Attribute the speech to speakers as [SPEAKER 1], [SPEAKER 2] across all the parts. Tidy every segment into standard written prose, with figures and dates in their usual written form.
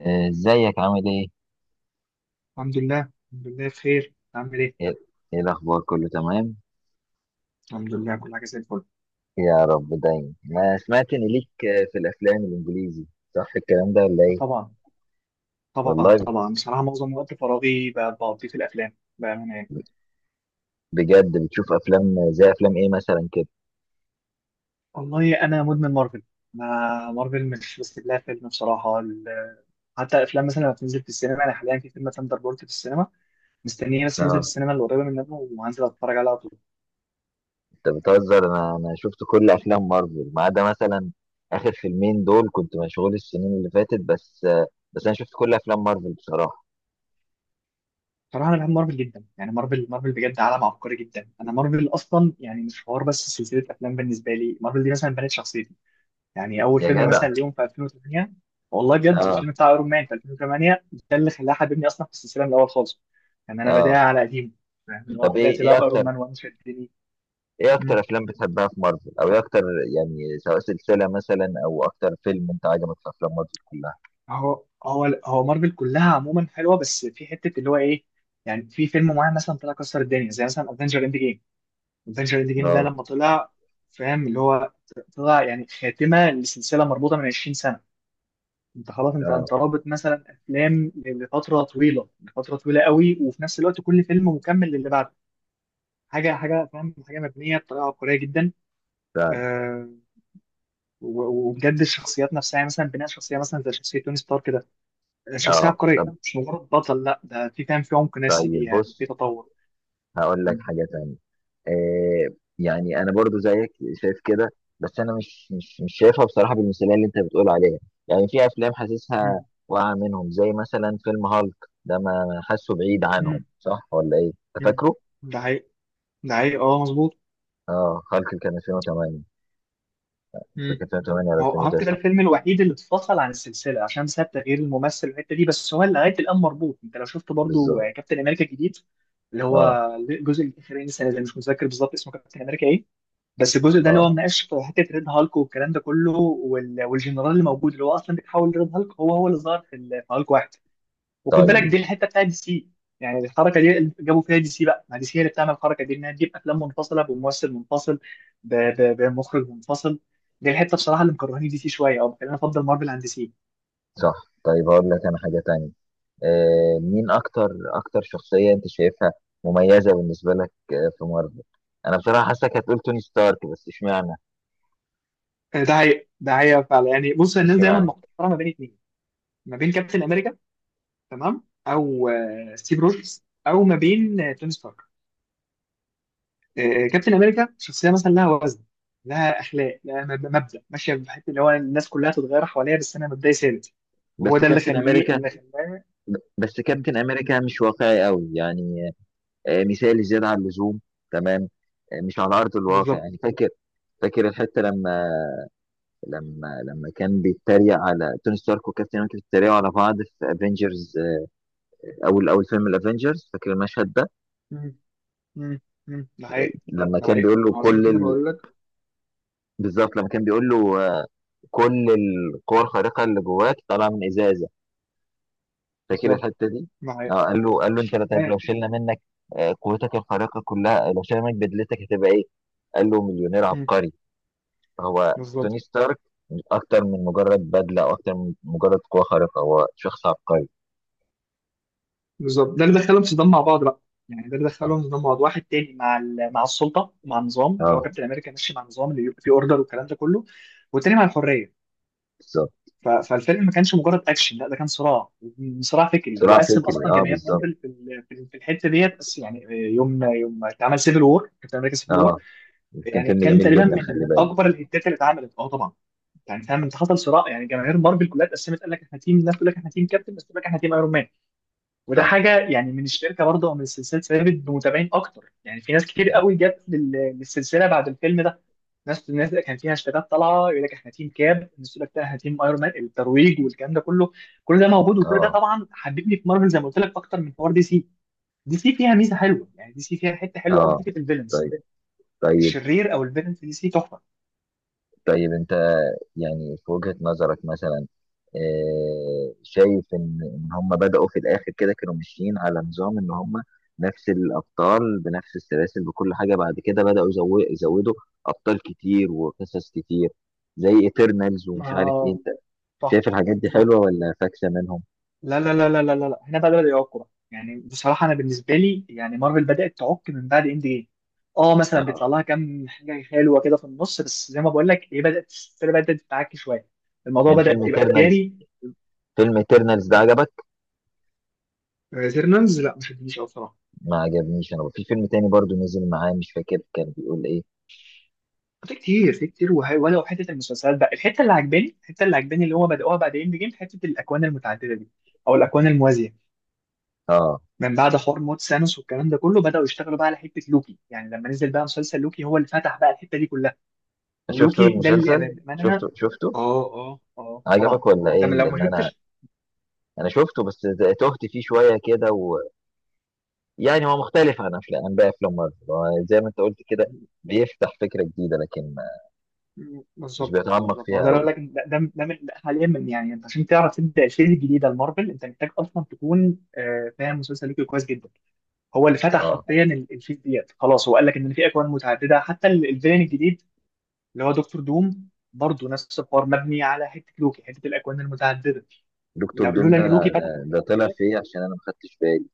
[SPEAKER 1] ازيك عامل ايه؟
[SPEAKER 2] الحمد لله الحمد لله بخير. عامل ايه؟
[SPEAKER 1] ايه، إيه الاخبار كله تمام؟
[SPEAKER 2] الحمد لله كل حاجه زي الفل.
[SPEAKER 1] يا رب دايما. انا سمعت ان ليك في الافلام الانجليزي، صح الكلام ده ولا ايه؟
[SPEAKER 2] طبعا طبعا
[SPEAKER 1] والله،
[SPEAKER 2] طبعا. بصراحه معظم وقت فراغي بقضيه في الافلام بامانه يعني.
[SPEAKER 1] بجد بتشوف افلام زي افلام ايه مثلا كده؟
[SPEAKER 2] والله انا مدمن مارفل. انا مارفل مش بس لها فيلم بصراحه حتى افلام مثلا لما بتنزل في السينما، انا حاليا في فيلم ثاندر بولت في السينما، مستنيه بس ينزل في
[SPEAKER 1] اه.
[SPEAKER 2] السينما اللي قريبه منه، وهنزل اتفرج عليه على طول.
[SPEAKER 1] انت بتهزر، انا شفت كل افلام مارفل ما عدا مثلا اخر فيلمين دول، كنت مشغول السنين اللي فاتت بس، بس انا شفت كل افلام مارفل بصراحة.
[SPEAKER 2] بصراحه انا بحب مارفل جدا، يعني مارفل مارفل بجد عالم عبقري جدا. انا مارفل اصلا يعني مش حوار بس سلسله افلام، بالنسبه لي مارفل دي مثلا بنت شخصيتي. يعني اول
[SPEAKER 1] يا
[SPEAKER 2] فيلم
[SPEAKER 1] جدع.
[SPEAKER 2] مثلا ليهم في 2008. والله بجد
[SPEAKER 1] اه،
[SPEAKER 2] الفيلم بتاع ايرون مان في 2008، ده اللي خلاه حببني اصلا في السلسله من الاول خالص. يعني انا بدايه
[SPEAKER 1] اه.
[SPEAKER 2] على قديم، فاهم اللي
[SPEAKER 1] طب،
[SPEAKER 2] هو
[SPEAKER 1] ايه
[SPEAKER 2] بدات
[SPEAKER 1] ايه
[SPEAKER 2] بقى
[SPEAKER 1] اكتر،
[SPEAKER 2] بايرون مان وان شدني.
[SPEAKER 1] ايه اكتر
[SPEAKER 2] مم.
[SPEAKER 1] افلام بتحبها في مارفل، او ايه اكتر؟ يعني سواء سلسله مثلا او اكتر فيلم انت عجبك في افلام مارفل كلها.
[SPEAKER 2] هو مارفل كلها عموما حلوه، بس في حته اللي هو ايه. يعني في فيلم معين مثلا طلع كسر الدنيا، زي مثلا افنجر اند جيم. افنجر اند جيم ده
[SPEAKER 1] اه،
[SPEAKER 2] لما طلع، فاهم اللي هو، طلع يعني خاتمه لسلسله مربوطه من 20 سنه. انت خلاص انت
[SPEAKER 1] اه.
[SPEAKER 2] انت رابط مثلا افلام لفتره طويله لفتره طويله قوي، وفي نفس الوقت كل فيلم مكمل للي بعده. حاجه حاجه فاهم حاجه مبنيه بطريقه عبقريه جدا.
[SPEAKER 1] فعلا.
[SPEAKER 2] آه وبجد الشخصيات نفسها يعني مثلا بناء شخصيه مثلا زي شخصيه توني ستارك كده. شخصيه
[SPEAKER 1] اه. طب،
[SPEAKER 2] عبقريه مش مجرد بطل، لا ده في فاهم في عمق نفسي
[SPEAKER 1] طيب
[SPEAKER 2] فيها في
[SPEAKER 1] بص،
[SPEAKER 2] تطور.
[SPEAKER 1] هقول لك
[SPEAKER 2] مم.
[SPEAKER 1] حاجه تانية. آه يعني انا برضو زيك، شايف كده. بس انا مش شايفها بصراحه بالمثاليه اللي انت بتقول عليها. يعني في افلام حاسسها
[SPEAKER 2] مم.
[SPEAKER 1] واقعه منهم زي مثلا فيلم هالك. ده ما حاسه بعيد عنهم،
[SPEAKER 2] مم.
[SPEAKER 1] صح ولا ايه؟ انت
[SPEAKER 2] مم.
[SPEAKER 1] فاكره؟
[SPEAKER 2] ده حقيقي. ده حقيقي، اه مظبوط.
[SPEAKER 1] اه، هالك كان 2008، مش فاكر 2008 ولا
[SPEAKER 2] هو هارت ده
[SPEAKER 1] 2009.
[SPEAKER 2] الفيلم الوحيد اللي اتفصل عن السلسله عشان ساب تغيير الممثل والحته دي، بس هو لغايه الان مربوط. انت لو شفت برضو
[SPEAKER 1] بالظبط.
[SPEAKER 2] كابتن امريكا الجديد اللي هو
[SPEAKER 1] اه،
[SPEAKER 2] الجزء الاخراني السنه دي، مش متذكر بالظبط اسمه كابتن امريكا ايه. بس الجزء ده اللي هو
[SPEAKER 1] اه،
[SPEAKER 2] مناقش في حته ريد هالك والكلام ده كله والجنرال اللي موجود اللي هو اصلا بيتحول لريد هالك، هو اللي ظهر في في هالك واحد. وخد بالك
[SPEAKER 1] طيب.
[SPEAKER 2] دي الحته بتاعت دي سي. يعني الحركه دي اللي جابوا فيها دي سي بقى، ما دي سي هي اللي بتعمل الحركه دي، انها تجيب افلام منفصله بممثل منفصل، بمخرج منفصل. دي الحته بصراحه اللي مكرهاني دي سي شويه او مخليني افضل مارفل عن دي سي.
[SPEAKER 1] صح. طيب هقول لك انا حاجة تانية. مين اكتر، اكتر شخصية انت شايفها مميزة بالنسبة لك في مارفل؟ انا بصراحة حاسسك هتقول توني ستارك، بس اشمعنى؟
[SPEAKER 2] ده حقيقة ده حقيقة فعلا. يعني بص الناس دايما
[SPEAKER 1] اشمعنى؟
[SPEAKER 2] محتاره ما بين اتنين. ما بين كابتن امريكا، تمام، او ستيف روجرز، او ما بين توني ستارك. كابتن امريكا شخصيه مثلا لها وزن، لها اخلاق، لها مبدا، ماشيه بحته اللي هو الناس كلها تتغير حواليها بس انا مبدأي ثابت. وهو
[SPEAKER 1] بس
[SPEAKER 2] ده اللي
[SPEAKER 1] كابتن امريكا،
[SPEAKER 2] اللي خلاه.
[SPEAKER 1] بس
[SPEAKER 2] مم.
[SPEAKER 1] كابتن امريكا مش واقعي قوي يعني. مثالي زيادة عن اللزوم. تمام. مش على ارض الواقع
[SPEAKER 2] بالظبط.
[SPEAKER 1] يعني. فاكر؟ فاكر الحتة، لما لما لما كان بيتريق على توني ستارك وكابتن امريكا بيتريقوا على بعض في افنجرز، او اول فيلم الافنجرز، فاكر المشهد ده؟
[SPEAKER 2] مم. مم. مم. ده حقيقي.
[SPEAKER 1] لما
[SPEAKER 2] ده
[SPEAKER 1] كان
[SPEAKER 2] حقيقي،
[SPEAKER 1] بيقول له
[SPEAKER 2] ما هو عشان
[SPEAKER 1] كل
[SPEAKER 2] كده
[SPEAKER 1] ال...
[SPEAKER 2] بقول لك.
[SPEAKER 1] بالظبط لما كان بيقول له، كل القوى الخارقة اللي جواك طالعة من إزازة، فاكر
[SPEAKER 2] بالظبط.
[SPEAKER 1] الحتة دي؟
[SPEAKER 2] ده حقيقي.
[SPEAKER 1] اه، قال له، أنت طيب لو
[SPEAKER 2] لا.
[SPEAKER 1] شلنا منك قوتك الخارقة كلها، لو شلنا منك بدلتك هتبقى إيه؟ قال له مليونير
[SPEAKER 2] مم.
[SPEAKER 1] عبقري. هو
[SPEAKER 2] بالظبط
[SPEAKER 1] توني ستارك أكتر من مجرد بدلة، أو أكتر من مجرد قوة خارقة، هو شخص عبقري.
[SPEAKER 2] بالظبط، ده اللي دخلهم صدام مع بعض بقى. يعني ده اللي
[SPEAKER 1] اه.
[SPEAKER 2] دخلهم صدام مع بعض، واحد تاني مع مع السلطه، مع النظام اللي هو
[SPEAKER 1] آه،
[SPEAKER 2] كابتن امريكا ماشي مع النظام اللي بيبقى فيه اوردر والكلام ده كله. والتاني مع الحريه.
[SPEAKER 1] بالظبط.
[SPEAKER 2] فالفيلم ما كانش مجرد اكشن، لا ده كان صراع. صراع فكري،
[SPEAKER 1] صراع
[SPEAKER 2] وقسم
[SPEAKER 1] فكري،
[SPEAKER 2] اصلا
[SPEAKER 1] اه،
[SPEAKER 2] جماهير مارفل
[SPEAKER 1] بالظبط.
[SPEAKER 2] في في الحته ديت. بس يعني يوم يوم اتعمل سيفل وور، كابتن امريكا سيفل وور،
[SPEAKER 1] اه، كان
[SPEAKER 2] يعني
[SPEAKER 1] فيلم
[SPEAKER 2] كان
[SPEAKER 1] جميل
[SPEAKER 2] تقريبا
[SPEAKER 1] جدا،
[SPEAKER 2] من
[SPEAKER 1] خلي
[SPEAKER 2] اكبر
[SPEAKER 1] بالك.
[SPEAKER 2] الهتات اللي اتعملت. اه طبعا. يعني فاهم انت حصل صراع، يعني جماهير مارفل كلها اتقسمت. قال لك احنا تيم، ناس تقول لك احنا تيم كابتن، ناس تقول لك احنا تيم ايرون مان. وده
[SPEAKER 1] صح،
[SPEAKER 2] حاجه يعني من الشركه برضه او من السلسله، ثابت بمتابعين اكتر، يعني في ناس كتير قوي
[SPEAKER 1] صح.
[SPEAKER 2] جت للسلسله بعد الفيلم ده. الناس اللي كان فيها هاشتاجات طالعه يقول لك احنا تيم كاب، الناس تقول لك لا احنا تيم ايرون مان، الترويج والكلام ده كله. كل ده موجود وكل ده
[SPEAKER 1] اه،
[SPEAKER 2] طبعا حببني في مارفل زي ما قلت لك، اكتر من حوار دي سي. دي سي فيها ميزه حلوه، يعني دي سي فيها حته حلوه قوي،
[SPEAKER 1] اه،
[SPEAKER 2] حته الفيلنز.
[SPEAKER 1] طيب، طيب،
[SPEAKER 2] الشرير او الفيلن في دي سي تحفه.
[SPEAKER 1] طيب انت يعني في وجهة نظرك مثلا، شايف ان هم بدأوا في الاخر كده كانوا ماشيين على نظام ان هم نفس الابطال بنفس السلاسل بكل حاجة، بعد كده بدأوا يزودوا ابطال كتير وقصص كتير زي ايترنالز ومش عارف ايه،
[SPEAKER 2] اه
[SPEAKER 1] انت
[SPEAKER 2] صح
[SPEAKER 1] شايف الحاجات دي
[SPEAKER 2] صح.
[SPEAKER 1] حلوة ولا فاكسة منهم؟
[SPEAKER 2] لا لا لا لا لا لا لا. هنا بقى بدأوا يعكوا بقى. يعني بصراحه انا بالنسبه لي، يعني مارفل بدأت تعك من بعد اند جيم. اه مثلا
[SPEAKER 1] اه،
[SPEAKER 2] بيطلع لها كام حاجه حلوه كده في النص، بس زي ما بقول لك، هي بدأت، السلسله بدأت تتعكي شويه. الموضوع
[SPEAKER 1] يعني
[SPEAKER 2] بدأ يبقى تجاري.
[SPEAKER 1] فيلم ايترنالز ده عجبك؟
[SPEAKER 2] ايترنالز لا ما شدنيش قوي بصراحه.
[SPEAKER 1] ما عجبنيش، انا في فيلم تاني برضو نزل معاه مش فاكر كان بيقول ايه.
[SPEAKER 2] في كتير في كتير، وهي ولو حته المسلسلات بقى الحته اللي عجباني، الحته اللي عجباني اللي هو بدأوها بعد اند جيم، حته الاكوان المتعدده دي او الاكوان الموازيه.
[SPEAKER 1] اه.
[SPEAKER 2] من بعد حوار موت سانوس والكلام ده كله، بدأوا يشتغلوا بقى على حته لوكي. يعني لما نزل بقى مسلسل لوكي، هو اللي فتح بقى الحته دي كلها.
[SPEAKER 1] شفته
[SPEAKER 2] ولوكي ده اللي
[SPEAKER 1] المسلسل، شفته،
[SPEAKER 2] امانها.
[SPEAKER 1] شفته.
[SPEAKER 2] اه اه اه طبعا.
[SPEAKER 1] عجبك ولا
[SPEAKER 2] انت
[SPEAKER 1] ايه؟
[SPEAKER 2] من لو ما
[SPEAKER 1] لان انا،
[SPEAKER 2] شفتش.
[SPEAKER 1] شفته بس تهت فيه شويه كده. ويعني هو مختلف عن باقي افلام مارفل، هو زي ما انت قلت كده بيفتح فكره جديده لكن مش
[SPEAKER 2] بالظبط
[SPEAKER 1] بيتعمق
[SPEAKER 2] بالظبط، ما
[SPEAKER 1] فيها
[SPEAKER 2] هو ده اللي
[SPEAKER 1] قوي.
[SPEAKER 2] أقول لك، ده حاليا من يعني، انت عشان تعرف تبدا الفيز الجديده المارفل انت محتاج اصلا تكون فاهم مسلسل لوكي كويس جدا. هو اللي فتح
[SPEAKER 1] اه.
[SPEAKER 2] حرفيا الفيس ديت خلاص، هو قال لك ان في اكوان متعدده. حتى الفيلن الجديد اللي هو دكتور دوم برضه نفس الحوار مبني على حته لوكي، حته الاكوان المتعدده.
[SPEAKER 1] دكتور دوم
[SPEAKER 2] لولا
[SPEAKER 1] ده،
[SPEAKER 2] ان لوكي
[SPEAKER 1] ده,
[SPEAKER 2] فتح الحته
[SPEAKER 1] ده طلع
[SPEAKER 2] ديت.
[SPEAKER 1] في ايه؟ عشان انا ما خدتش بالي.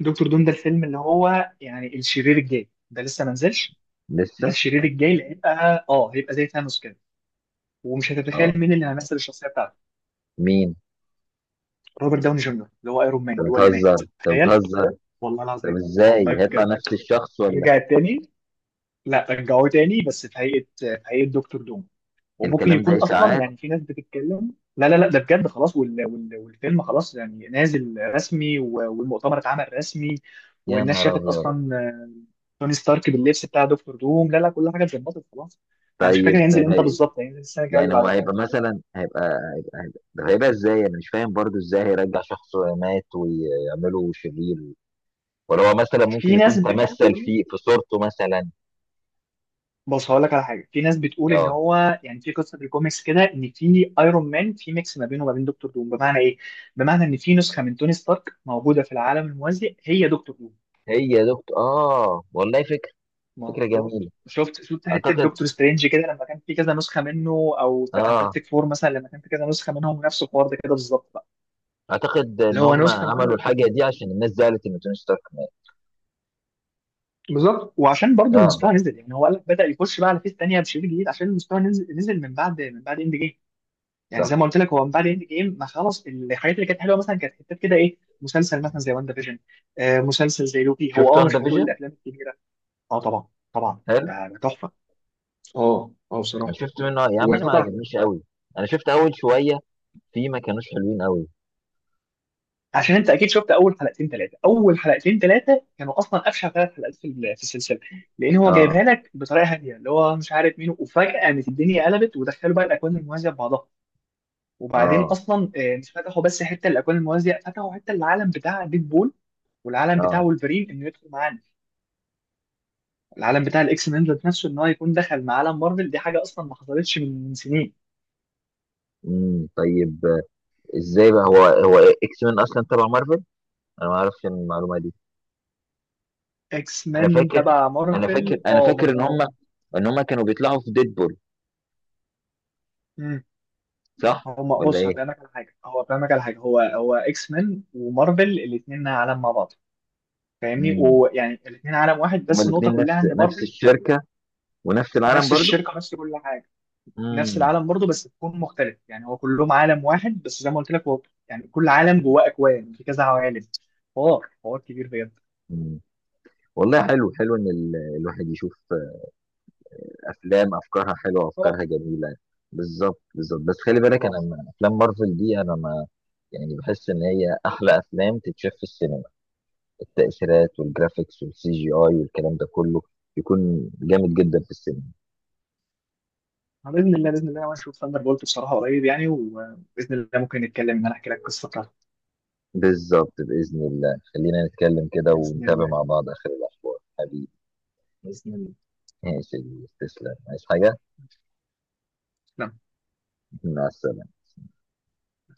[SPEAKER 2] دكتور دوم ده الفيلم اللي هو يعني الشرير الجاي، ده لسه ما نزلش. ده
[SPEAKER 1] لسه؟
[SPEAKER 2] الشرير الجاي اللي هيبقى، هيبقى زي ثانوس كده. ومش
[SPEAKER 1] اه.
[SPEAKER 2] هتتخيل مين اللي هيمثل الشخصيه بتاعته.
[SPEAKER 1] مين؟
[SPEAKER 2] روبرت داوني جونيور اللي هو ايرون مان،
[SPEAKER 1] انت
[SPEAKER 2] اللي هو اللي
[SPEAKER 1] بتهزر،
[SPEAKER 2] مات،
[SPEAKER 1] انت
[SPEAKER 2] تخيل.
[SPEAKER 1] بتهزر.
[SPEAKER 2] والله
[SPEAKER 1] طب
[SPEAKER 2] العظيم،
[SPEAKER 1] ازاي
[SPEAKER 2] والله
[SPEAKER 1] هيطلع
[SPEAKER 2] بجد.
[SPEAKER 1] نفس الشخص ولا؟
[SPEAKER 2] رجع تاني. لا رجعوه تاني، بس في هيئه في هيئه دكتور دوم. وممكن
[SPEAKER 1] الكلام
[SPEAKER 2] يكون
[SPEAKER 1] ده
[SPEAKER 2] اصلا،
[SPEAKER 1] اشاعات،
[SPEAKER 2] يعني في ناس بتتكلم، لا لا لا ده بجد خلاص، والفيلم خلاص يعني نازل رسمي والمؤتمر اتعمل رسمي.
[SPEAKER 1] يا
[SPEAKER 2] والناس
[SPEAKER 1] نهار
[SPEAKER 2] شافت
[SPEAKER 1] ابيض.
[SPEAKER 2] اصلا توني ستارك باللبس بتاع دكتور دوم، لا لا كل حاجه اتظبطت خلاص. انا مش فاكر
[SPEAKER 1] طيب،
[SPEAKER 2] هينزل امتى
[SPEAKER 1] طيب،
[SPEAKER 2] بالظبط، هينزل السنه الجايه اللي
[SPEAKER 1] يعني هو
[SPEAKER 2] بعدها.
[SPEAKER 1] هيبقى مثلا طب هيبقى ازاي؟ انا مش فاهم برضو ازاي هيرجع شخص مات ويعمله شرير؟ ولا هو مثلا ممكن
[SPEAKER 2] في ناس
[SPEAKER 1] يكون تمثل
[SPEAKER 2] بتقول.
[SPEAKER 1] في صورته مثلا؟
[SPEAKER 2] بص هقول لك على حاجه، في ناس بتقول ان
[SPEAKER 1] اه،
[SPEAKER 2] هو يعني في قصه في الكوميكس كده ان في ايرون مان، في ميكس ما بينه وما بين دكتور دوم. بمعنى ايه؟ بمعنى ان في نسخه من توني ستارك موجوده في العالم الموازي، هي دكتور دوم.
[SPEAKER 1] هي يا دكتور، اه، والله فكرة. فكرة
[SPEAKER 2] مظبوط،
[SPEAKER 1] جميلة.
[SPEAKER 2] شفت حته
[SPEAKER 1] اعتقد.
[SPEAKER 2] دكتور سترينج كده لما كان في كذا نسخه منه. او ذا
[SPEAKER 1] اه،
[SPEAKER 2] فانتاستيك فور مثلا لما كان في كذا نسخه منهم، نفس الحوار ده كده بالظبط بقى.
[SPEAKER 1] اعتقد
[SPEAKER 2] اللي
[SPEAKER 1] ان
[SPEAKER 2] هو
[SPEAKER 1] هم
[SPEAKER 2] نسخه منه
[SPEAKER 1] عملوا
[SPEAKER 2] دكتور
[SPEAKER 1] الحاجة
[SPEAKER 2] دوم.
[SPEAKER 1] دي عشان الناس زعلت ان توني ستارك مات.
[SPEAKER 2] بالظبط، وعشان برضه
[SPEAKER 1] اه،
[SPEAKER 2] المستوى نزل. يعني هو قال لك، بدا يخش بقى على فيس تانيه بشريط جديد عشان المستوى نزل نزل، من بعد اند جيم. يعني
[SPEAKER 1] صح.
[SPEAKER 2] زي ما قلت لك هو من بعد اند جيم، ما خلاص الحاجات اللي كانت حلوه مثلا كانت حتات كده، ايه مسلسل مثلا زي واندا فيجن، مسلسل زي لوكي.
[SPEAKER 1] شفت
[SPEAKER 2] هو
[SPEAKER 1] وان
[SPEAKER 2] مش بتقول
[SPEAKER 1] فيجن؟
[SPEAKER 2] الافلام الكبيره. اه طبعا. طبعا.
[SPEAKER 1] حلو.
[SPEAKER 2] ده تحفه. اه
[SPEAKER 1] انا
[SPEAKER 2] بصراحه.
[SPEAKER 1] شفت منه يا عم، انا ما
[SPEAKER 2] وفترة.
[SPEAKER 1] عجبنيش قوي، انا شفت اول شوية، في ما كانوش حلوين قوي.
[SPEAKER 2] عشان انت اكيد شفت اول حلقتين ثلاثه، اول حلقتين ثلاثه كانوا اصلا افشل ثلاث حلقات في في السلسله. لان هو
[SPEAKER 1] اه،
[SPEAKER 2] جايبها لك بطريقه هاديه اللي هو مش عارف مين، وفجاه قامت الدنيا قلبت، ودخلوا بقى الاكوان الموازيه ببعضها. وبعدين
[SPEAKER 1] اه،
[SPEAKER 2] اصلا مش فتحوا بس حته الاكوان الموازيه، فتحوا حته العالم بتاع ديدبول والعالم بتاع
[SPEAKER 1] اه.
[SPEAKER 2] وولفرين انه يدخل معانا. العالم بتاع الاكس مان ذات نفسه ان هو يكون دخل مع عالم مارفل، دي حاجه اصلا ما حصلتش من سنين.
[SPEAKER 1] امم، طيب، ازاي بقى هو، هو اكس مان اصلا تبع مارفل؟ انا ما اعرفش المعلومه دي.
[SPEAKER 2] اكس
[SPEAKER 1] انا
[SPEAKER 2] مان
[SPEAKER 1] فاكر
[SPEAKER 2] تبع
[SPEAKER 1] انا فاكر
[SPEAKER 2] مارفل،
[SPEAKER 1] انا
[SPEAKER 2] اه
[SPEAKER 1] فاكر
[SPEAKER 2] مظبوط.
[SPEAKER 1] ان هم كانوا بيطلعوا في ديدبول، صح
[SPEAKER 2] هو
[SPEAKER 1] ولا
[SPEAKER 2] بص
[SPEAKER 1] ايه؟
[SPEAKER 2] هفهمك على حاجه، هو فاهمك على حاجه، هو اكس مان ومارفل الاثنين عالم مع بعض، فاهمني؟
[SPEAKER 1] امم.
[SPEAKER 2] ويعني الاثنين عالم واحد
[SPEAKER 1] هما
[SPEAKER 2] بس النقطه
[SPEAKER 1] الاثنين
[SPEAKER 2] كلها
[SPEAKER 1] نفس
[SPEAKER 2] ان
[SPEAKER 1] نفس
[SPEAKER 2] مارفل،
[SPEAKER 1] الشركه ونفس العالم
[SPEAKER 2] نفس
[SPEAKER 1] برضو؟
[SPEAKER 2] الشركه نفس كل حاجه. نفس
[SPEAKER 1] امم.
[SPEAKER 2] العالم برضه بس تكون مختلف، يعني هو كلهم عالم واحد، بس زي ما قلت لك هو يعني كل عالم جواه اكوان، في كذا عوالم. حوار حوار كبير بجد.
[SPEAKER 1] أمم. والله حلو، حلو ان الواحد يشوف افلام افكارها حلوه
[SPEAKER 2] طبعا.
[SPEAKER 1] وافكارها جميله. بالظبط، بالظبط، بس خلي بالك،
[SPEAKER 2] طبعا.
[SPEAKER 1] انا افلام مارفل دي، انا ما يعني، بحس ان هي احلى افلام تتشاف في السينما. التأثيرات والجرافيكس والسي جي اي والكلام ده كله يكون جامد جدا في السينما.
[SPEAKER 2] باذن الله، باذن الله انا اشوف ثاندر بولت بصراحه قريب يعني، وباذن الله ممكن نتكلم ان انا احكي لك القصه بتاعته.
[SPEAKER 1] بالظبط، بإذن الله خلينا نتكلم كده
[SPEAKER 2] باذن
[SPEAKER 1] ونتابع
[SPEAKER 2] الله.
[SPEAKER 1] مع بعض آخر الأخبار، حبيبي.
[SPEAKER 2] باذن
[SPEAKER 1] ماشي يا كبير، تسلم. عايز حاجة؟
[SPEAKER 2] الله.
[SPEAKER 1] مع السلامة.